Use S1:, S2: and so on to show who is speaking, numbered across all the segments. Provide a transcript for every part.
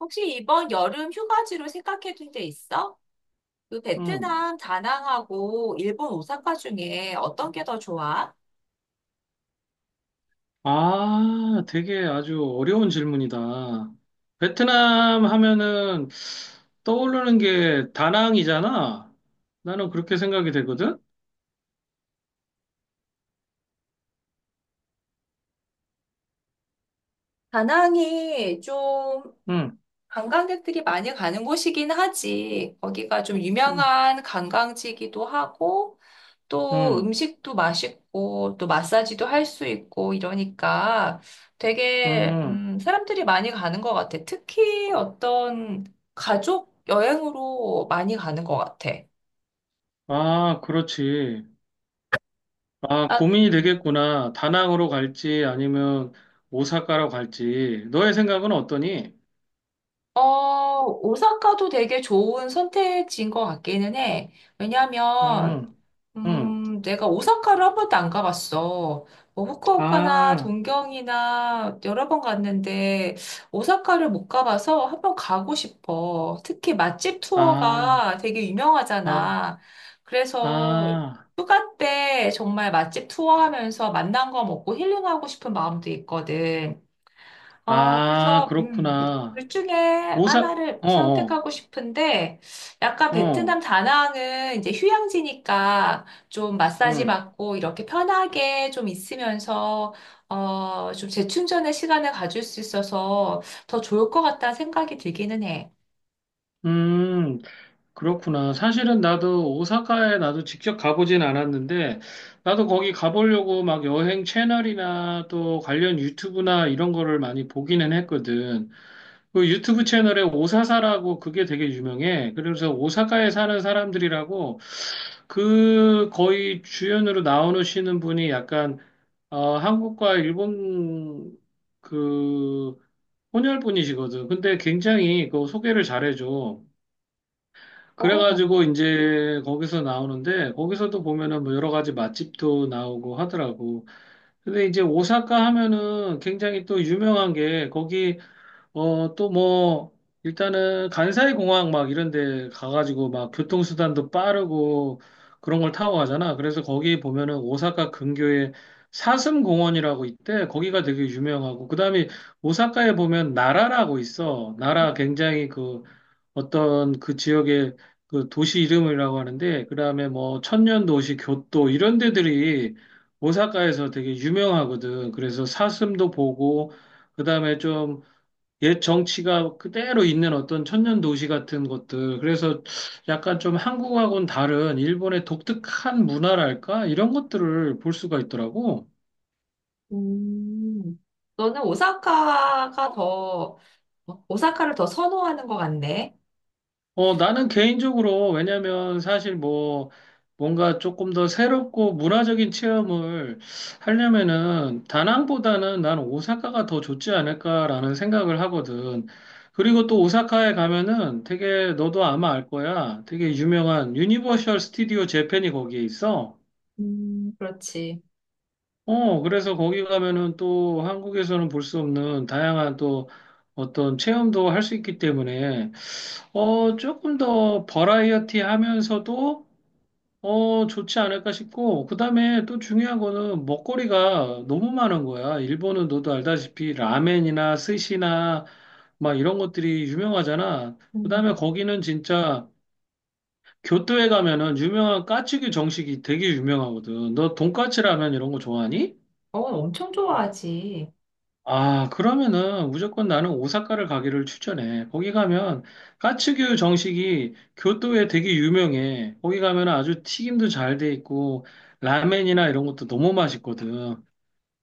S1: 혹시 이번 여름 휴가지로 생각해 둔 데 있어? 그
S2: 음.
S1: 베트남 다낭하고 일본 오사카 중에 어떤 게 더 좋아?
S2: 아, 되게 아주 어려운 질문이다. 베트남 하면은 떠오르는 게 다낭이잖아. 나는 그렇게 생각이 되거든.
S1: 다낭이 좀
S2: 응,
S1: 관광객들이 많이 가는 곳이긴 하지. 거기가 좀
S2: 응,
S1: 유명한 관광지이기도 하고, 또
S2: 응,
S1: 음식도 맛있고, 또 마사지도 할 수 있고, 이러니까 되게,
S2: 응.
S1: 사람들이 많이 가는 것 같아. 특히 어떤 가족 여행으로 많이 가는 것 같아.
S2: 아, 그렇지. 아,
S1: 아,
S2: 고민이 되겠구나. 다낭으로 갈지 아니면 오사카로 갈지. 너의 생각은 어떠니?
S1: 오사카도 되게 좋은 선택지인 것 같기는 해. 왜냐면,
S2: 응, 응.
S1: 내가 오사카를 한 번도 안 가봤어. 뭐, 후쿠오카나
S2: 아,
S1: 동경이나 여러 번 갔는데, 오사카를 못 가봐서 한 번 가고 싶어. 특히 맛집 투어가
S2: 아,
S1: 되게
S2: 아,
S1: 유명하잖아. 그래서
S2: 아,
S1: 휴가 때 정말 맛집 투어 하면서 맛난 거 먹고 힐링하고 싶은 마음도 있거든.
S2: 아,
S1: 그래서
S2: 그렇구나.
S1: 둘 중에
S2: 오사,
S1: 하나를
S2: 어, 어,
S1: 선택하고 싶은데, 약간
S2: 어,
S1: 베트남 다낭은 이제 휴양지니까 좀 마사지
S2: 음,
S1: 받고 이렇게 편하게 좀 있으면서, 좀 재충전의 시간을 가질 수 있어서 더 좋을 것 같다는 생각이 들기는 해.
S2: 음, 그렇구나. 사실은 나도 오사카에 나도 직접 가보진 않았는데, 나도 거기 가보려고 막 여행 채널이나 또 관련 유튜브나 이런 거를 많이 보기는 했거든. 그 유튜브 채널에 오사사라고 그게 되게 유명해. 그래서 오사카에 사는 사람들이라고 그 거의 주연으로 나오시는 분이 약간, 한국과 일본 그 혼혈뿐이시거든. 근데 굉장히 그 소개를 잘해줘.
S1: 어,
S2: 그래가지고 이제 거기서 나오는데 거기서도 보면은 뭐 여러 가지 맛집도 나오고 하더라고. 근데 이제 오사카 하면은 굉장히 또 유명한 게 거기 또 뭐, 일단은 간사이 공항 막 이런 데 가가지고 막 교통수단도 빠르고 그런 걸 타고 가잖아. 그래서 거기 보면은 오사카 근교에 사슴공원이라고 있대. 거기가 되게 유명하고. 그다음에 오사카에 보면 나라라고 있어. 나라 굉장히 그 어떤 그 지역의 그 도시 이름이라고 하는데, 그다음에 뭐 천년도시, 교토 이런 데들이 오사카에서 되게 유명하거든. 그래서 사슴도 보고, 그다음에 좀 옛 정치가 그대로 있는 어떤 천년 도시 같은 것들. 그래서 약간 좀 한국하고는 다른 일본의 독특한 문화랄까? 이런 것들을 볼 수가 있더라고.
S1: 음. 너는 오사카를 더 선호하는 것 같네.
S2: 나는 개인적으로, 왜냐면 사실 뭐, 뭔가 조금 더 새롭고 문화적인 체험을 하려면은 다낭보다는 나는 오사카가 더 좋지 않을까라는 생각을 하거든. 그리고 또 오사카에 가면은 되게 너도 아마 알 거야. 되게 유명한 유니버셜 스튜디오 재팬이 거기에 있어.
S1: 그렇지.
S2: 그래서 거기 가면은 또 한국에서는 볼 수 없는 다양한 또 어떤 체험도 할 수 있기 때문에, 조금 더 버라이어티 하면서도, 좋지 않을까 싶고, 그 다음에 또 중요한 거는 먹거리가 너무 많은 거야. 일본은 너도 알다시피 라멘이나 스시나 막 이런 것들이 유명하잖아. 그
S1: 음,
S2: 다음에 거기는 진짜 교토에 가면은 유명한 까츠규 정식이 되게 유명하거든. 너 돈까츠 라면 이런 거 좋아하니?
S1: 어, 엄청 좋아하지.
S2: 아, 그러면은 무조건 나는 오사카를 가기를 추천해. 거기 가면 까츠규 정식이 교토에 되게 유명해. 거기 가면 아주 튀김도 잘 돼 있고 라멘이나 이런 것도 너무 맛있거든.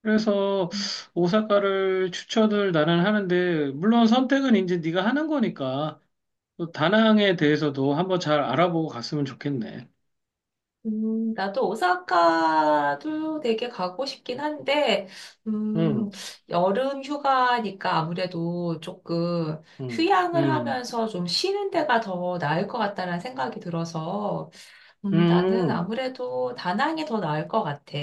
S2: 그래서 오사카를 추천을 나는 하는데 물론 선택은 이제 네가 하는 거니까 또 다낭에 대해서도 한번 잘 알아보고 갔으면 좋겠네.
S1: 나도 오사카도 되게 가고 싶긴 한데, 음,
S2: 응,
S1: 여름 휴가니까 아무래도 조금
S2: 응,
S1: 휴양을
S2: 응,
S1: 하면서 좀 쉬는 데가 더 나을 것 같다는 생각이 들어서, 나는
S2: 응,
S1: 아무래도 다낭이 더 나을 것 같아.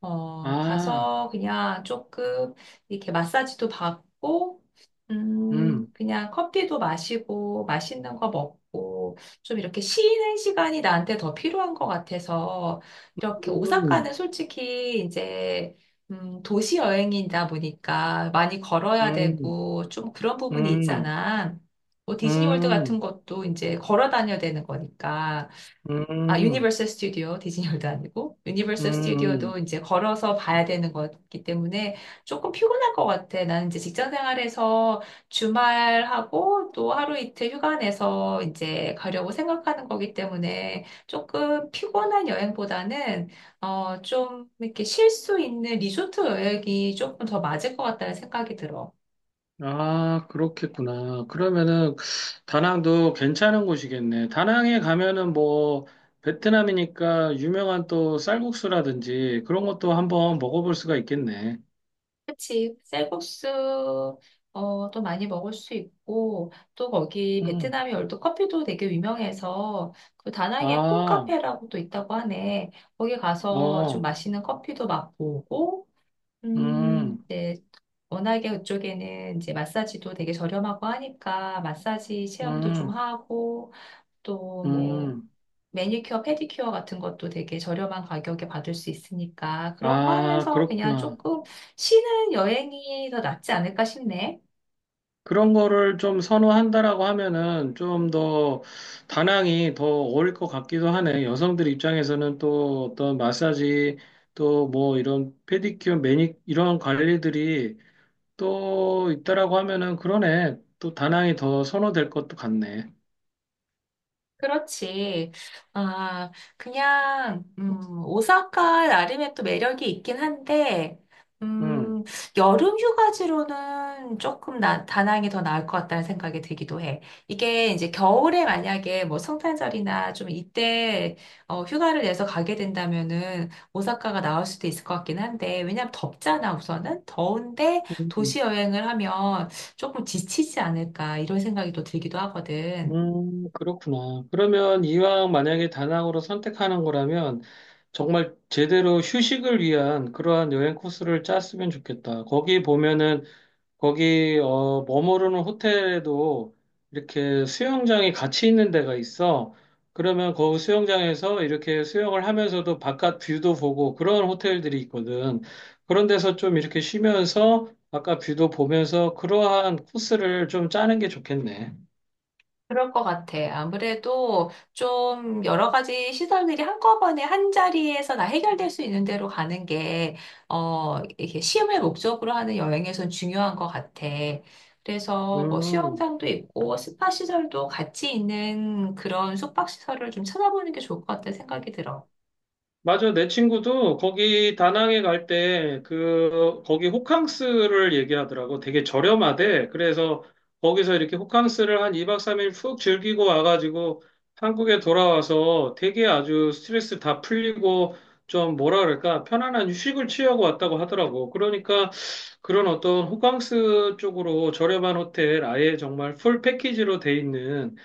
S2: 아,
S1: 가서 그냥 조금 이렇게 마사지도 받고,
S2: 응,
S1: 그냥 커피도 마시고, 맛있는 거 먹고, 좀 이렇게 쉬는 시간이 나한테 더 필요한 것 같아서, 이렇게
S2: 응,
S1: 오사카는 솔직히 이제, 도시 여행이다 보니까 많이 걸어야
S2: 응,
S1: 되고, 좀 그런 부분이
S2: 응.
S1: 있잖아. 뭐 디즈니월드 같은
S2: 음,
S1: 것도 이제 걸어 다녀야 되는 거니까. 아,
S2: 음,
S1: 유니버설 스튜디오, 디즈니월드 아니고,
S2: 음,
S1: 유니버설 스튜디오도
S2: 음.
S1: 이제 걸어서 봐야 되는 거기 때문에 조금 피곤할 것 같아. 나는 이제 직장 생활에서 주말하고 또 하루 이틀 휴가 내서 이제 가려고 생각하는 거기 때문에 조금 피곤한 여행보다는, 좀 이렇게 쉴 수 있는 리조트 여행이 조금 더 맞을 것 같다는 생각이 들어.
S2: 아, 그렇겠구나. 그러면은 다낭도 괜찮은 곳이겠네. 다낭에 가면은 뭐 베트남이니까 유명한 또 쌀국수라든지 그런 것도 한번 먹어볼 수가 있겠네.
S1: 그치. 쌀국수, 어, 도 많이 먹을 수 있고, 또 거기
S2: 음,
S1: 베트남이 얼도 커피도 되게 유명해서, 그 다낭에
S2: 아,
S1: 콩카페라고 또 있다고 하네. 거기 가서 좀
S2: 어,
S1: 맛있는 커피도 맛보고,
S2: 음,
S1: 이제 워낙에 그쪽에는 이제 마사지도 되게 저렴하고 하니까, 마사지 체험도 좀
S2: 음,
S1: 하고, 또뭐
S2: 음.
S1: 매니큐어, 페디큐어 같은 것도 되게 저렴한 가격에 받을 수 있으니까 그런 거
S2: 아,
S1: 하면서 그냥
S2: 그렇구나.
S1: 조금 쉬는 여행이 더 낫지 않을까 싶네.
S2: 그런 거를 좀 선호한다라고 하면은 좀 더 다낭이 더 어울 릴 것 같기도 하네. 여성들 입장에서는 또 어떤 마사지 또 뭐 이런 페디큐어, 매니 이런 관리들이 또 있다라고 하면은 그러네. 또 다낭이 더 선호될 것도 같네.
S1: 그렇지. 아, 그냥, 오사카 나름의 또 매력이 있긴 한데,
S2: 음.
S1: 음, 여름 휴가지로는 조금 다낭이 더 나을 것 같다는 생각이 들기도 해. 이게 이제 겨울에 만약에 뭐 성탄절이나 좀 이때 휴가를 내서 가게 된다면은 오사카가 나을 수도 있을 것 같긴 한데, 왜냐면 덥잖아, 우선은. 더운데 도시
S2: 음,
S1: 여행을 하면 조금 지치지 않을까, 이런 생각이 또 들기도 하거든.
S2: 그렇구나. 그러면 이왕 만약에 다낭으로 선택하는 거라면 정말 제대로 휴식을 위한 그러한 여행 코스를 짰으면 좋겠다. 거기 보면은 거기 머무르는 호텔에도 이렇게 수영장이 같이 있는 데가 있어. 그러면 그 수영장에서 이렇게 수영을 하면서도 바깥 뷰도 보고 그런 호텔들이 있거든. 그런 데서 좀 이렇게 쉬면서 바깥 뷰도 보면서 그러한 코스를 좀 짜는 게 좋겠네.
S1: 그럴 것 같아. 아무래도 좀 여러 가지 시설들이 한꺼번에 한 자리에서 다 해결될 수 있는 대로 가는 게, 이렇게 시험을 목적으로 하는 여행에선 중요한 것 같아. 그래서 뭐
S2: 음.
S1: 수영장도 있고 스파 시설도 같이 있는 그런 숙박 시설을 좀 찾아보는 게 좋을 것 같다는 생각이 들어.
S2: 맞아. 내 친구도 거기 다낭에 갈 때 그 거기 호캉스를 얘기하더라고. 되게 저렴하대. 그래서 거기서 이렇게 호캉스를 한 2박 3일 푹 즐기고 와가지고 한국에 돌아와서 되게 아주 스트레스 다 풀리고 좀 뭐라 그럴까? 편안한 휴식을 취하고 왔다고 하더라고. 그러니까 그런 어떤 호캉스 쪽으로 저렴한 호텔 아예 정말 풀 패키지로 돼 있는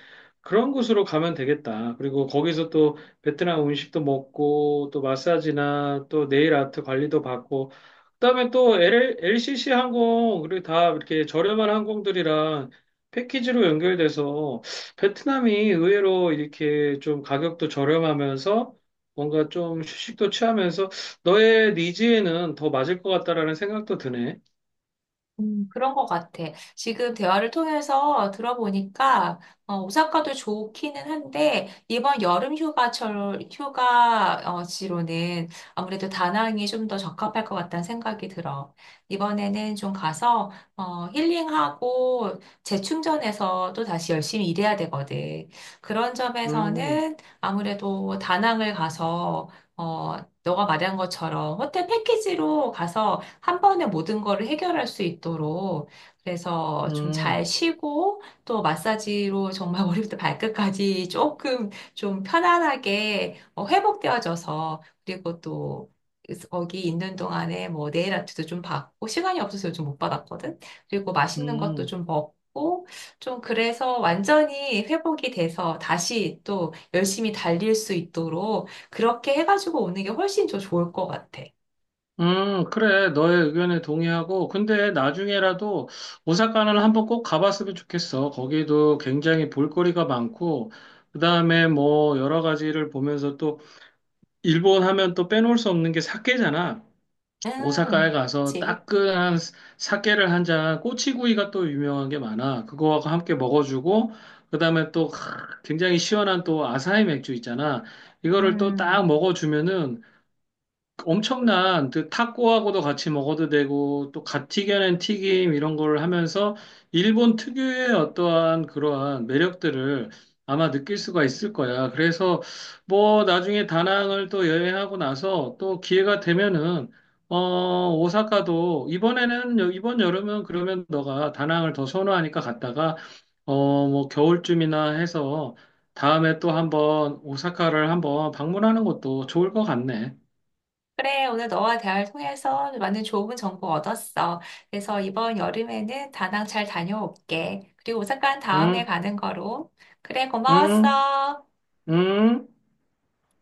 S2: 그런 곳으로 가면 되겠다. 그리고 거기서 또 베트남 음식도 먹고 또 마사지나 또 네일 아트 관리도 받고 그다음에 또 LCC 항공 그리고 다 이렇게 저렴한 항공들이랑 패키지로 연결돼서 베트남이 의외로 이렇게 좀 가격도 저렴하면서 뭔가 좀 휴식도 취하면서 너의 니즈에는 더 맞을 것 같다라는 생각도 드네.
S1: 그런 것 같아. 지금 대화를 통해서 들어보니까, 오사카도 좋기는 한데, 이번 여름 휴가철, 휴가지로는 아무래도 다낭이 좀 더 적합할 것 같다는 생각이 들어. 이번에는 좀 가서, 힐링하고 재충전해서 또 다시 열심히 일해야 되거든. 그런
S2: 음,
S1: 점에서는 아무래도 다낭을 가서, 어, 너가 말한 것처럼 호텔 패키지로 가서 한 번에 모든 거를 해결할 수 있도록 그래서 좀 잘
S2: 음,
S1: 쉬고 또 마사지로 정말 머리부터 발끝까지 조금 좀 편안하게 회복되어져서 그리고 또 거기 있는 동안에 뭐 네일 아트도 좀 받고 시간이 없어서 요즘 못 받았거든. 그리고 맛있는 것도
S2: 음.
S1: 좀 먹고 좀 그래서 완전히 회복이 돼서 다시 또 열심히 달릴 수 있도록 그렇게 해가지고 오는 게 훨씬 더 좋을 것 같아.
S2: 그래. 너의 의견에 동의하고. 근데 나중에라도 오사카는 한번 꼭 가봤으면 좋겠어. 거기도 굉장히 볼거리가 많고, 그 다음에 뭐 여러 가지를 보면서 또 일본 하면 또 빼놓을 수 없는 게 사케잖아. 오사카에
S1: 음.
S2: 가서
S1: 그치.
S2: 따끈한 사케를 한 잔, 꼬치구이가 또 유명한 게 많아. 그거하고 함께 먹어주고, 그 다음에 또 굉장히 시원한 또 아사히 맥주 있잖아. 이거를 또 딱
S1: 음,
S2: 먹어주면은 엄청난 그 타코하고도 같이 먹어도 되고 또 갓 튀겨낸 튀김 이런 걸 하면서 일본 특유의 어떠한 그러한 매력들을 아마 느낄 수가 있을 거야. 그래서 뭐 나중에 다낭을 또 여행하고 나서 또 기회가 되면은 오사카도 이번에는 이번 여름은 그러면 너가 다낭을 더 선호하니까 갔다가 뭐 겨울쯤이나 해서 다음에 또 한번 오사카를 한번 방문하는 것도 좋을 것 같네.
S1: 그래. 오늘 너와 대화를 통해서 많은 좋은 정보 얻었어. 그래서 이번 여름에는 다낭 잘 다녀올게. 그리고 오사카는 다음에
S2: 응?
S1: 가는 거로. 그래,
S2: 응?
S1: 고마웠어.
S2: 응?